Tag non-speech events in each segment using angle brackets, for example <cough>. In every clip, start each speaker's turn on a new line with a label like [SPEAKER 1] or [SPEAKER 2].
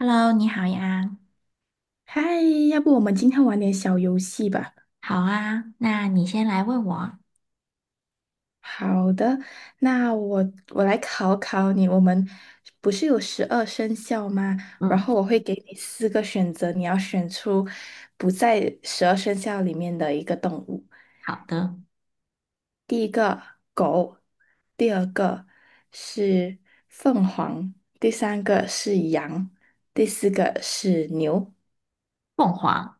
[SPEAKER 1] Hello，你好呀。
[SPEAKER 2] 嗨，要不我们今天玩点小游戏吧？
[SPEAKER 1] 好啊，那你先来问我。
[SPEAKER 2] 好的，那我来考考你，我们不是有十二生肖吗？然
[SPEAKER 1] 嗯，
[SPEAKER 2] 后我会给你四个选择，你要选出不在十二生肖里面的一个动物。
[SPEAKER 1] 好的，
[SPEAKER 2] 第一个狗，第二个是凤凰，第三个是羊，第四个是牛。
[SPEAKER 1] 凤凰。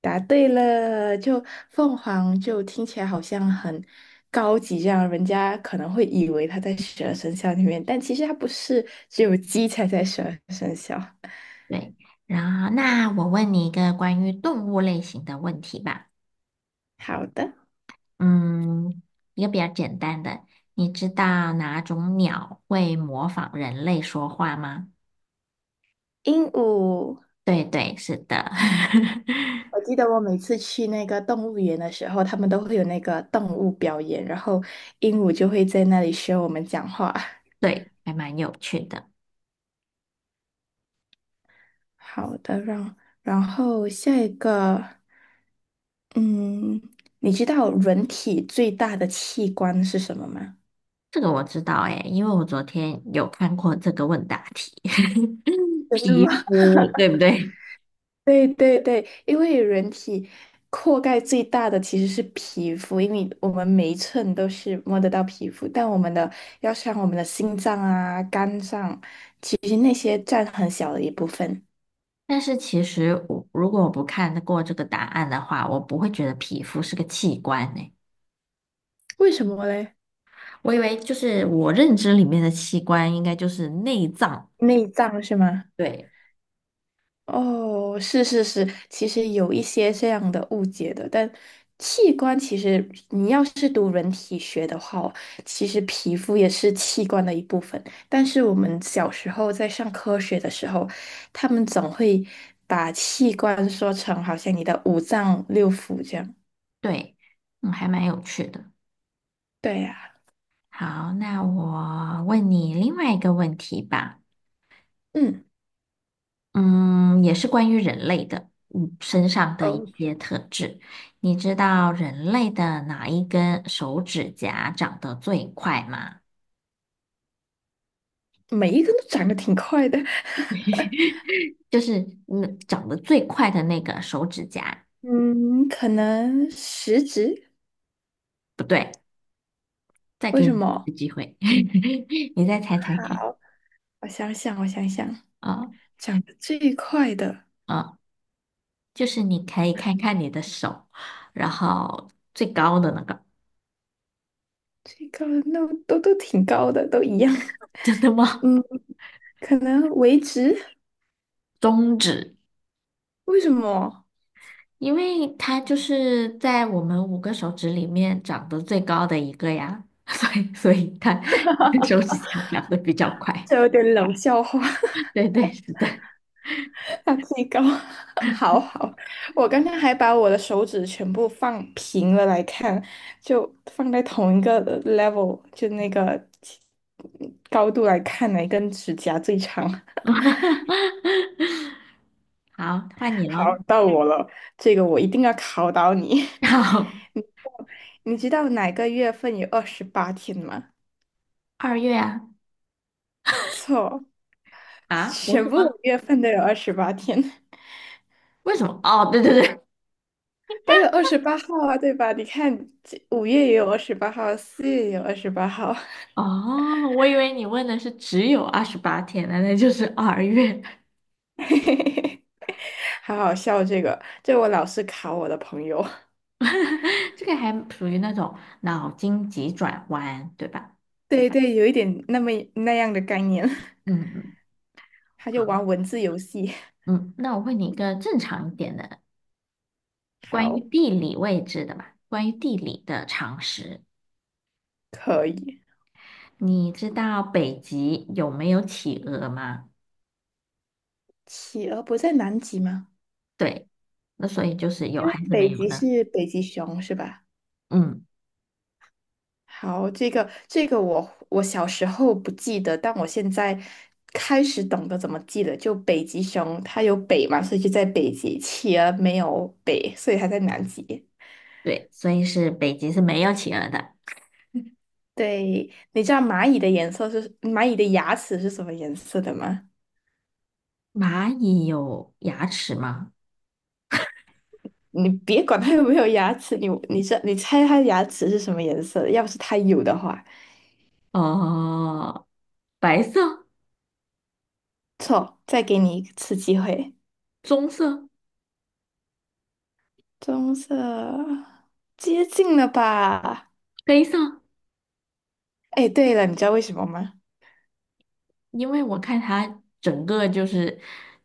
[SPEAKER 2] 答对了，就凤凰就听起来好像很高级，这样人家可能会以为它在十二生肖里面，但其实它不是，只有鸡才在十二生肖。
[SPEAKER 1] 对，然后那我问你一个关于动物类型的问题吧。
[SPEAKER 2] 好的，
[SPEAKER 1] 嗯，一个比较简单的，你知道哪种鸟会模仿人类说话吗？
[SPEAKER 2] 鹦鹉。
[SPEAKER 1] 对对，是的，
[SPEAKER 2] 我
[SPEAKER 1] <laughs>
[SPEAKER 2] 记得我每次去那个动物园的时候，他们都会有那个动物表演，然后鹦鹉就会在那里学我们讲话。
[SPEAKER 1] 对，还蛮有趣的。
[SPEAKER 2] 好的，然后下一个，嗯，你知道人体最大的器官是什么吗？
[SPEAKER 1] 这个我知道诶，因为我昨天有看过这个问答题。<laughs>
[SPEAKER 2] 真的
[SPEAKER 1] 皮
[SPEAKER 2] 吗？
[SPEAKER 1] 肤，对不对？
[SPEAKER 2] 对对对，因为人体覆盖最大的其实是皮肤，因为我们每一寸都是摸得到皮肤，但我们的要像我们的心脏啊、肝脏，其实那些占很小的一部分。
[SPEAKER 1] 但是其实如果我不看过这个答案的话，我不会觉得皮肤是个器官呢。
[SPEAKER 2] 为什么嘞？
[SPEAKER 1] 我以为就是我认知里面的器官应该就是内脏。
[SPEAKER 2] 内脏是吗？
[SPEAKER 1] 对，
[SPEAKER 2] 哦，是是是，其实有一些这样的误解的，但器官其实你要是读人体学的话哦，其实皮肤也是器官的一部分。但是我们小时候在上科学的时候，他们总会把器官说成好像你的五脏六腑这样。
[SPEAKER 1] 对，嗯，还蛮有趣的。
[SPEAKER 2] 对呀，
[SPEAKER 1] 好，那我问你另外一个问题吧，
[SPEAKER 2] 嗯，
[SPEAKER 1] 嗯，也是关于人类的，身上的一
[SPEAKER 2] 哦，
[SPEAKER 1] 些特质。你知道人类的哪一根手指甲长得最快吗？
[SPEAKER 2] 每一个都长得挺快的，
[SPEAKER 1] 就是长得最快的那个手指甲。
[SPEAKER 2] <laughs> 嗯，可能食指，
[SPEAKER 1] 不对，再
[SPEAKER 2] 为
[SPEAKER 1] 给你
[SPEAKER 2] 什
[SPEAKER 1] 一
[SPEAKER 2] 么？
[SPEAKER 1] 次机会，<laughs> 你再猜猜看。
[SPEAKER 2] 好，我想想，我想想。
[SPEAKER 1] 啊、
[SPEAKER 2] 长得最快的，
[SPEAKER 1] 啊、就是你可以看看你的手，然后最高的那个，
[SPEAKER 2] 最高的那都挺高的，都一样
[SPEAKER 1] 真的
[SPEAKER 2] <laughs>。
[SPEAKER 1] 吗？
[SPEAKER 2] 嗯，可能维持，
[SPEAKER 1] 中指，
[SPEAKER 2] 为什么？
[SPEAKER 1] 因为它就是在我们五个手指里面长得最高的一个呀，<laughs> 所以它 <laughs> 手指甲长得比较快。
[SPEAKER 2] 这有点冷笑话，
[SPEAKER 1] <laughs> 对对，是的。
[SPEAKER 2] <laughs> 它最高。<laughs> 好好，我刚刚还把我的手指全部放平了来看，就放在同一个level，就那个高度来看，哪根指甲最长？
[SPEAKER 1] <laughs> 好，
[SPEAKER 2] <laughs>
[SPEAKER 1] 换你
[SPEAKER 2] 好，
[SPEAKER 1] 喽。
[SPEAKER 2] 到我了，这个我一定要考倒你。
[SPEAKER 1] <laughs> 好，
[SPEAKER 2] <laughs> 你知道哪个月份有二十八天吗？
[SPEAKER 1] 二月啊。
[SPEAKER 2] 错。
[SPEAKER 1] 啊，不是
[SPEAKER 2] 全部的
[SPEAKER 1] 吗？
[SPEAKER 2] 月份都有二十八天，
[SPEAKER 1] 为什么？哦，对对对。
[SPEAKER 2] <laughs> 都有二十八号啊，对吧？你看，这5月也有二十八号，4月也有二十八号，
[SPEAKER 1] 哦，我以为你问的是只有28天呢，那就是二月，
[SPEAKER 2] <laughs> 好好笑这个，这我老是考我的朋友。<laughs>
[SPEAKER 1] <laughs> 这个还属于那种脑筋急转弯，对吧？
[SPEAKER 2] 对对，有一点那么那样的概念，
[SPEAKER 1] 嗯嗯
[SPEAKER 2] <laughs> 他就玩文字游戏。
[SPEAKER 1] 嗯，那我问你一个正常一点的，关于
[SPEAKER 2] 好，
[SPEAKER 1] 地理位置的吧，关于地理的常识，
[SPEAKER 2] 可以。
[SPEAKER 1] 你知道北极有没有企鹅吗？
[SPEAKER 2] 企鹅不在南极吗？
[SPEAKER 1] 对，那所以就是有
[SPEAKER 2] 因为
[SPEAKER 1] 还是没
[SPEAKER 2] 北
[SPEAKER 1] 有
[SPEAKER 2] 极
[SPEAKER 1] 呢？
[SPEAKER 2] 是北极熊，是吧？
[SPEAKER 1] 嗯，
[SPEAKER 2] 好，这个我小时候不记得，但我现在开始懂得怎么记了。就北极熊，它有北嘛，所以就在北极；企鹅没有北，所以它在南极。
[SPEAKER 1] 对，所以是北极是没有企鹅的。
[SPEAKER 2] 对，你知道蚂蚁的颜色是蚂蚁的牙齿是什么颜色的吗？
[SPEAKER 1] 蚂蚁有牙齿吗？
[SPEAKER 2] 你别管它有没有牙齿，你猜它牙齿是什么颜色的？要不是它有的话，
[SPEAKER 1] 哦。白色、
[SPEAKER 2] 错，再给你一次机会，
[SPEAKER 1] 棕色、
[SPEAKER 2] 棕色，接近了吧？
[SPEAKER 1] 黑色，
[SPEAKER 2] 哎，对了，你知道为什么吗？
[SPEAKER 1] 因为我看它整个就是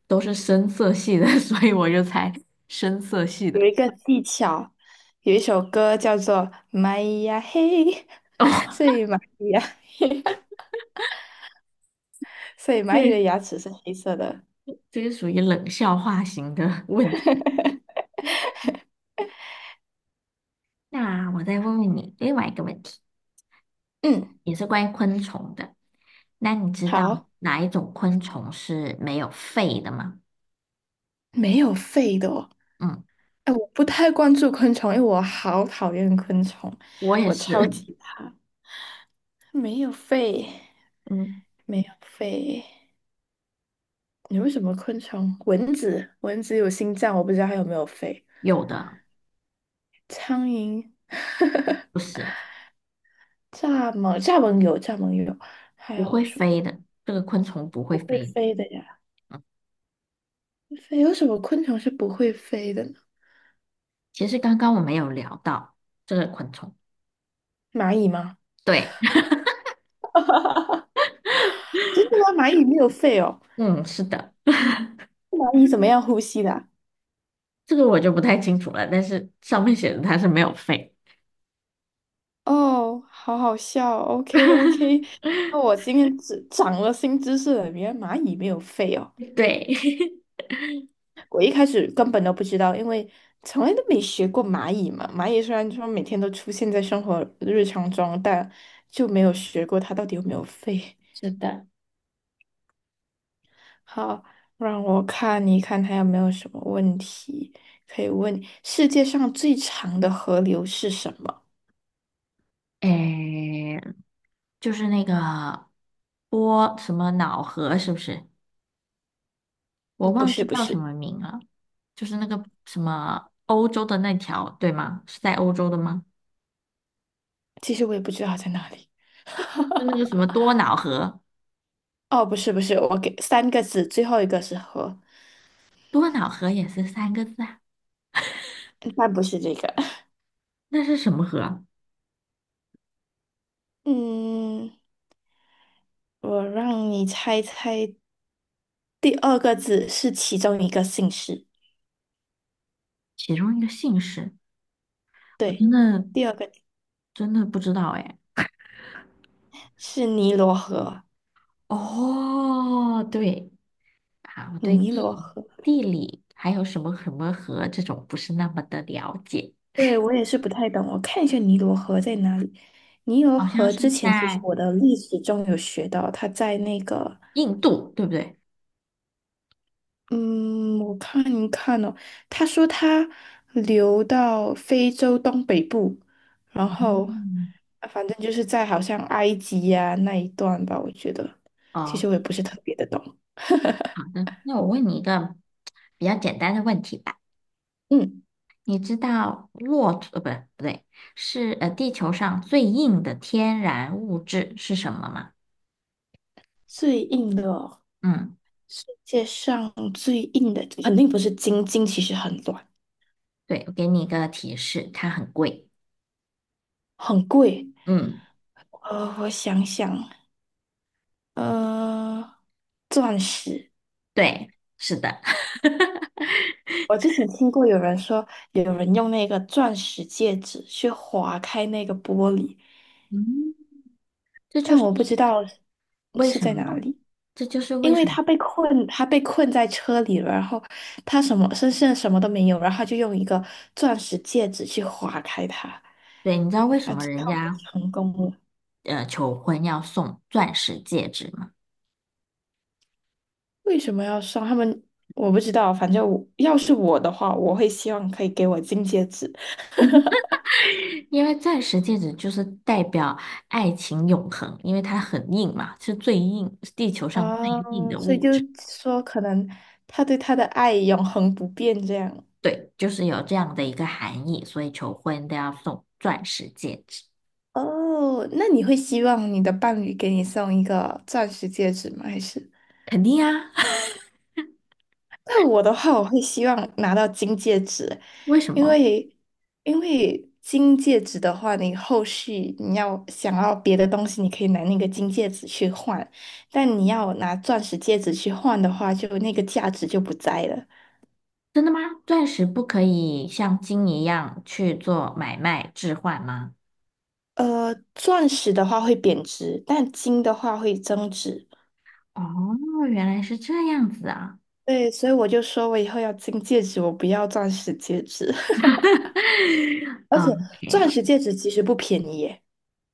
[SPEAKER 1] 都是深色系的，<laughs> 所以我就猜深色系
[SPEAKER 2] 有
[SPEAKER 1] 的。
[SPEAKER 2] 一个技巧，有一首歌叫做《蚂蚁呀嘿》，<laughs> 所
[SPEAKER 1] 哦，
[SPEAKER 2] 以蚂蚁呀嘿，<laughs> 所以蚂蚁的
[SPEAKER 1] 对，
[SPEAKER 2] 牙齿是黑色的。
[SPEAKER 1] 这是属于冷笑话型的 <laughs> 问题。那我再问问你另外一个问题，
[SPEAKER 2] 嗯，
[SPEAKER 1] 也是关于昆虫的。那你知道
[SPEAKER 2] 好，
[SPEAKER 1] 哪一种昆虫是没有肺的吗？
[SPEAKER 2] 没有肺的哦。
[SPEAKER 1] 嗯，
[SPEAKER 2] 哎，我不太关注昆虫，因为我好讨厌昆虫，
[SPEAKER 1] 我也
[SPEAKER 2] 我
[SPEAKER 1] 是。
[SPEAKER 2] 超
[SPEAKER 1] <laughs>
[SPEAKER 2] 级怕。没有肺，
[SPEAKER 1] 嗯，
[SPEAKER 2] 没有肺，你为什么昆虫？蚊子，蚊子有心脏，我不知道它有没有肺。
[SPEAKER 1] 有的，
[SPEAKER 2] 苍蝇，<laughs>
[SPEAKER 1] 不是，
[SPEAKER 2] 蚱蜢有，还
[SPEAKER 1] 不
[SPEAKER 2] 有
[SPEAKER 1] 会
[SPEAKER 2] 什么？
[SPEAKER 1] 飞的，这个昆虫不会
[SPEAKER 2] 不会
[SPEAKER 1] 飞。
[SPEAKER 2] 飞的呀，飞有什么昆虫是不会飞的呢？
[SPEAKER 1] 其实刚刚我们有聊到这个昆虫。
[SPEAKER 2] 蚂蚁吗？
[SPEAKER 1] 对，<laughs>
[SPEAKER 2] 真的吗？蚂蚁没有肺哦，
[SPEAKER 1] 嗯，是的，
[SPEAKER 2] 蚂蚁怎么样呼吸的啊
[SPEAKER 1] 这个我就不太清楚了，但是上面写的它是没有肺
[SPEAKER 2] 哦，好好笑 OK OK，那我今天只长了新知识了，原来蚂蚁没有肺哦，
[SPEAKER 1] <laughs>。对，
[SPEAKER 2] 我一开始根本都不知道，因为从来都没学过蚂蚁嘛。蚂蚁虽然说每天都出现在生活日常中，但就没有学过它到底有没有肺。
[SPEAKER 1] <laughs> 是的，
[SPEAKER 2] 好，让我看一看还有没有什么问题可以问你世界上最长的河流是什么？
[SPEAKER 1] 诶，就是那个波什么脑河，是不是？我
[SPEAKER 2] 嗯，不
[SPEAKER 1] 忘
[SPEAKER 2] 是，
[SPEAKER 1] 记
[SPEAKER 2] 不
[SPEAKER 1] 叫什
[SPEAKER 2] 是，
[SPEAKER 1] 么名了，就是那个什么欧洲的那条，对吗？是在欧洲的吗？
[SPEAKER 2] 其实我也不知道在哪里。
[SPEAKER 1] 就那个什么多瑙河，
[SPEAKER 2] 哦，不是，不是，我给3个字，最后一个是河，
[SPEAKER 1] 多瑙河也是三个字啊，
[SPEAKER 2] 但不是这个。<laughs>
[SPEAKER 1] 那是什么河啊。
[SPEAKER 2] 嗯，我让你猜猜，第二个字是其中一个姓氏。
[SPEAKER 1] 其中一个姓氏，我
[SPEAKER 2] 对，
[SPEAKER 1] 真的
[SPEAKER 2] 第二个
[SPEAKER 1] 真的不知道哎。
[SPEAKER 2] 是尼罗河，
[SPEAKER 1] 哦，对，啊，我对
[SPEAKER 2] 尼罗
[SPEAKER 1] 地
[SPEAKER 2] 河。
[SPEAKER 1] 地理还有什么什么河这种不是那么的了解，
[SPEAKER 2] 对，我也是不太懂，我看一下尼罗河在哪里。尼罗
[SPEAKER 1] 好像
[SPEAKER 2] 河
[SPEAKER 1] 是
[SPEAKER 2] 之前其实
[SPEAKER 1] 在
[SPEAKER 2] 我的历史中有学到，它在那个，
[SPEAKER 1] 印度，对不对？
[SPEAKER 2] 嗯，我看一看哦，他说它流到非洲东北部，然后
[SPEAKER 1] 嗯，
[SPEAKER 2] 啊反正就是在好像埃及呀、那一段吧，我觉得其实
[SPEAKER 1] 哦，
[SPEAKER 2] 我也不是特别的懂。
[SPEAKER 1] 好的，那我问你一个比较简单的问题吧。
[SPEAKER 2] 嗯，
[SPEAKER 1] 你知道骆驼，不对，不对，是地球上最硬的天然物质是什么吗？
[SPEAKER 2] 最硬的哦，
[SPEAKER 1] 嗯，
[SPEAKER 2] 世界上最硬的肯定不是金，金其实很软，
[SPEAKER 1] 对，我给你一个提示，它很贵。
[SPEAKER 2] 很贵。
[SPEAKER 1] 嗯，
[SPEAKER 2] 我想想。呃，钻石。
[SPEAKER 1] 对，是的，
[SPEAKER 2] 我之前听过有人说，有人用那个钻石戒指去划开那个玻璃，
[SPEAKER 1] <laughs> 嗯这就
[SPEAKER 2] 但
[SPEAKER 1] 是
[SPEAKER 2] 我不
[SPEAKER 1] 一
[SPEAKER 2] 知道
[SPEAKER 1] 为
[SPEAKER 2] 是
[SPEAKER 1] 什
[SPEAKER 2] 在哪
[SPEAKER 1] 么，
[SPEAKER 2] 里，
[SPEAKER 1] 这就是
[SPEAKER 2] 因
[SPEAKER 1] 为
[SPEAKER 2] 为
[SPEAKER 1] 什么。
[SPEAKER 2] 他被困在车里了，然后他身上什么都没有，然后他就用一个钻石戒指去划开它，
[SPEAKER 1] 对，你知道为什么人
[SPEAKER 2] 然后还
[SPEAKER 1] 家
[SPEAKER 2] 成功了。
[SPEAKER 1] 求婚要送钻石戒指吗？
[SPEAKER 2] 为什么要送他们？我不知道，反正我要是我的话，我会希望可以给我金戒指。
[SPEAKER 1] 因为钻石戒指就是代表爱情永恒，因为它很硬嘛，是最硬，是地球上最硬
[SPEAKER 2] 哦，
[SPEAKER 1] 的
[SPEAKER 2] 所以
[SPEAKER 1] 物
[SPEAKER 2] 就
[SPEAKER 1] 质。
[SPEAKER 2] 是说，可能他对他的爱永恒不变这样。
[SPEAKER 1] 对，就是有这样的一个含义，所以求婚都要送钻石戒指。
[SPEAKER 2] 哦，那你会希望你的伴侣给你送一个钻石戒指吗？还是？
[SPEAKER 1] 肯定啊，
[SPEAKER 2] 那我的话，我会希望拿到金戒指，
[SPEAKER 1] <laughs> 为什
[SPEAKER 2] 因
[SPEAKER 1] 么？
[SPEAKER 2] 为因为金戒指的话，你后续你要想要别的东西，你可以拿那个金戒指去换，但你要拿钻石戒指去换的话，就那个价值就不在了。
[SPEAKER 1] 真的吗？钻石不可以像金一样去做买卖置换吗？
[SPEAKER 2] 钻石的话会贬值，但金的话会增值。
[SPEAKER 1] 哦，原来是这样子啊。
[SPEAKER 2] 对，所以我就说我以后要金戒指，我不要钻石戒指。<laughs>
[SPEAKER 1] <laughs>
[SPEAKER 2] 而且钻
[SPEAKER 1] OK。
[SPEAKER 2] 石戒指其实不便宜耶，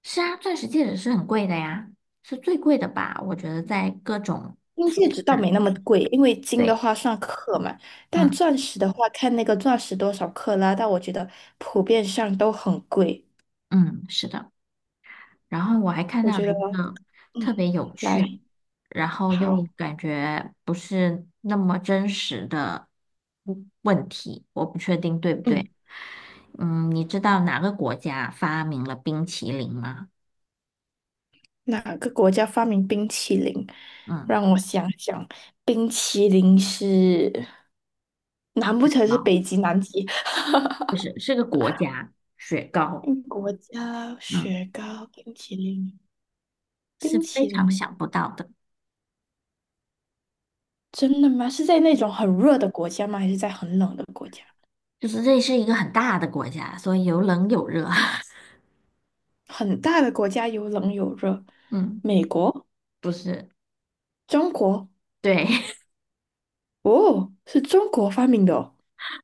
[SPEAKER 1] 是啊，钻石戒指是很贵的呀，是最贵的吧？我觉得在各种
[SPEAKER 2] 金
[SPEAKER 1] 首
[SPEAKER 2] 戒指倒
[SPEAKER 1] 饰里，
[SPEAKER 2] 没那么贵，因为金的
[SPEAKER 1] 对，
[SPEAKER 2] 话算克嘛，但
[SPEAKER 1] 嗯
[SPEAKER 2] 钻石的话看那个钻石多少克拉，但我觉得普遍上都很贵。
[SPEAKER 1] 嗯，是的。然后我还看
[SPEAKER 2] 我
[SPEAKER 1] 到了
[SPEAKER 2] 觉得，
[SPEAKER 1] 一个
[SPEAKER 2] 嗯，
[SPEAKER 1] 特别有
[SPEAKER 2] 来，
[SPEAKER 1] 趣，然后
[SPEAKER 2] 好，
[SPEAKER 1] 又感觉不是那么真实的问题，我不确定对不
[SPEAKER 2] 嗯。
[SPEAKER 1] 对。嗯，你知道哪个国家发明了冰淇淋吗？
[SPEAKER 2] 哪个国家发明冰淇淋？
[SPEAKER 1] 嗯，
[SPEAKER 2] 让我想想，冰淇淋是，难不成是
[SPEAKER 1] 好，
[SPEAKER 2] 北极、南极？
[SPEAKER 1] 就是是个国家，雪糕，
[SPEAKER 2] 嗯，国家
[SPEAKER 1] 嗯，
[SPEAKER 2] 雪糕、冰淇淋、
[SPEAKER 1] 是
[SPEAKER 2] 冰
[SPEAKER 1] 非
[SPEAKER 2] 淇
[SPEAKER 1] 常
[SPEAKER 2] 淋，
[SPEAKER 1] 想不到的。
[SPEAKER 2] 真的吗？是在那种很热的国家吗？还是在很冷的国家？
[SPEAKER 1] 就是这是一个很大的国家，所以有冷有热。<laughs>
[SPEAKER 2] 很大的国家有冷有热，
[SPEAKER 1] 嗯，
[SPEAKER 2] 美国、
[SPEAKER 1] 不是，
[SPEAKER 2] 中国，
[SPEAKER 1] 对，<laughs>
[SPEAKER 2] 哦，是中国发明的哦。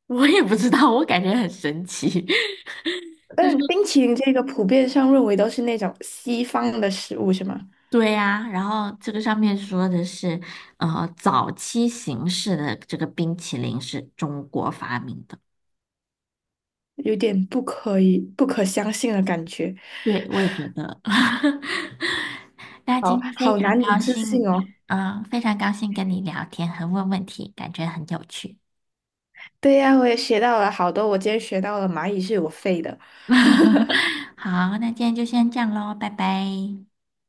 [SPEAKER 1] 我也不知道，我感觉很神奇。<laughs>
[SPEAKER 2] 但冰淇淋这个普遍上认为都是那种西方的食物，是吗？
[SPEAKER 1] 对呀，然后这个上面说的是，呃，早期形式的这个冰淇淋是中国发明的。
[SPEAKER 2] 有点不可相信的感觉，
[SPEAKER 1] 对，我也觉得。<laughs> 那
[SPEAKER 2] 好
[SPEAKER 1] 今天非
[SPEAKER 2] 好
[SPEAKER 1] 常
[SPEAKER 2] 难以
[SPEAKER 1] 高
[SPEAKER 2] 置信
[SPEAKER 1] 兴，
[SPEAKER 2] 哦。
[SPEAKER 1] 非常高兴跟你聊天和问问题，感觉很有趣。
[SPEAKER 2] 对呀，我也学到了好多，我今天学到了蚂蚁是有肺的。
[SPEAKER 1] <laughs> 好，那今天就先这样喽，拜拜，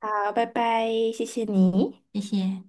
[SPEAKER 2] 好，拜拜，谢谢你。
[SPEAKER 1] 谢谢。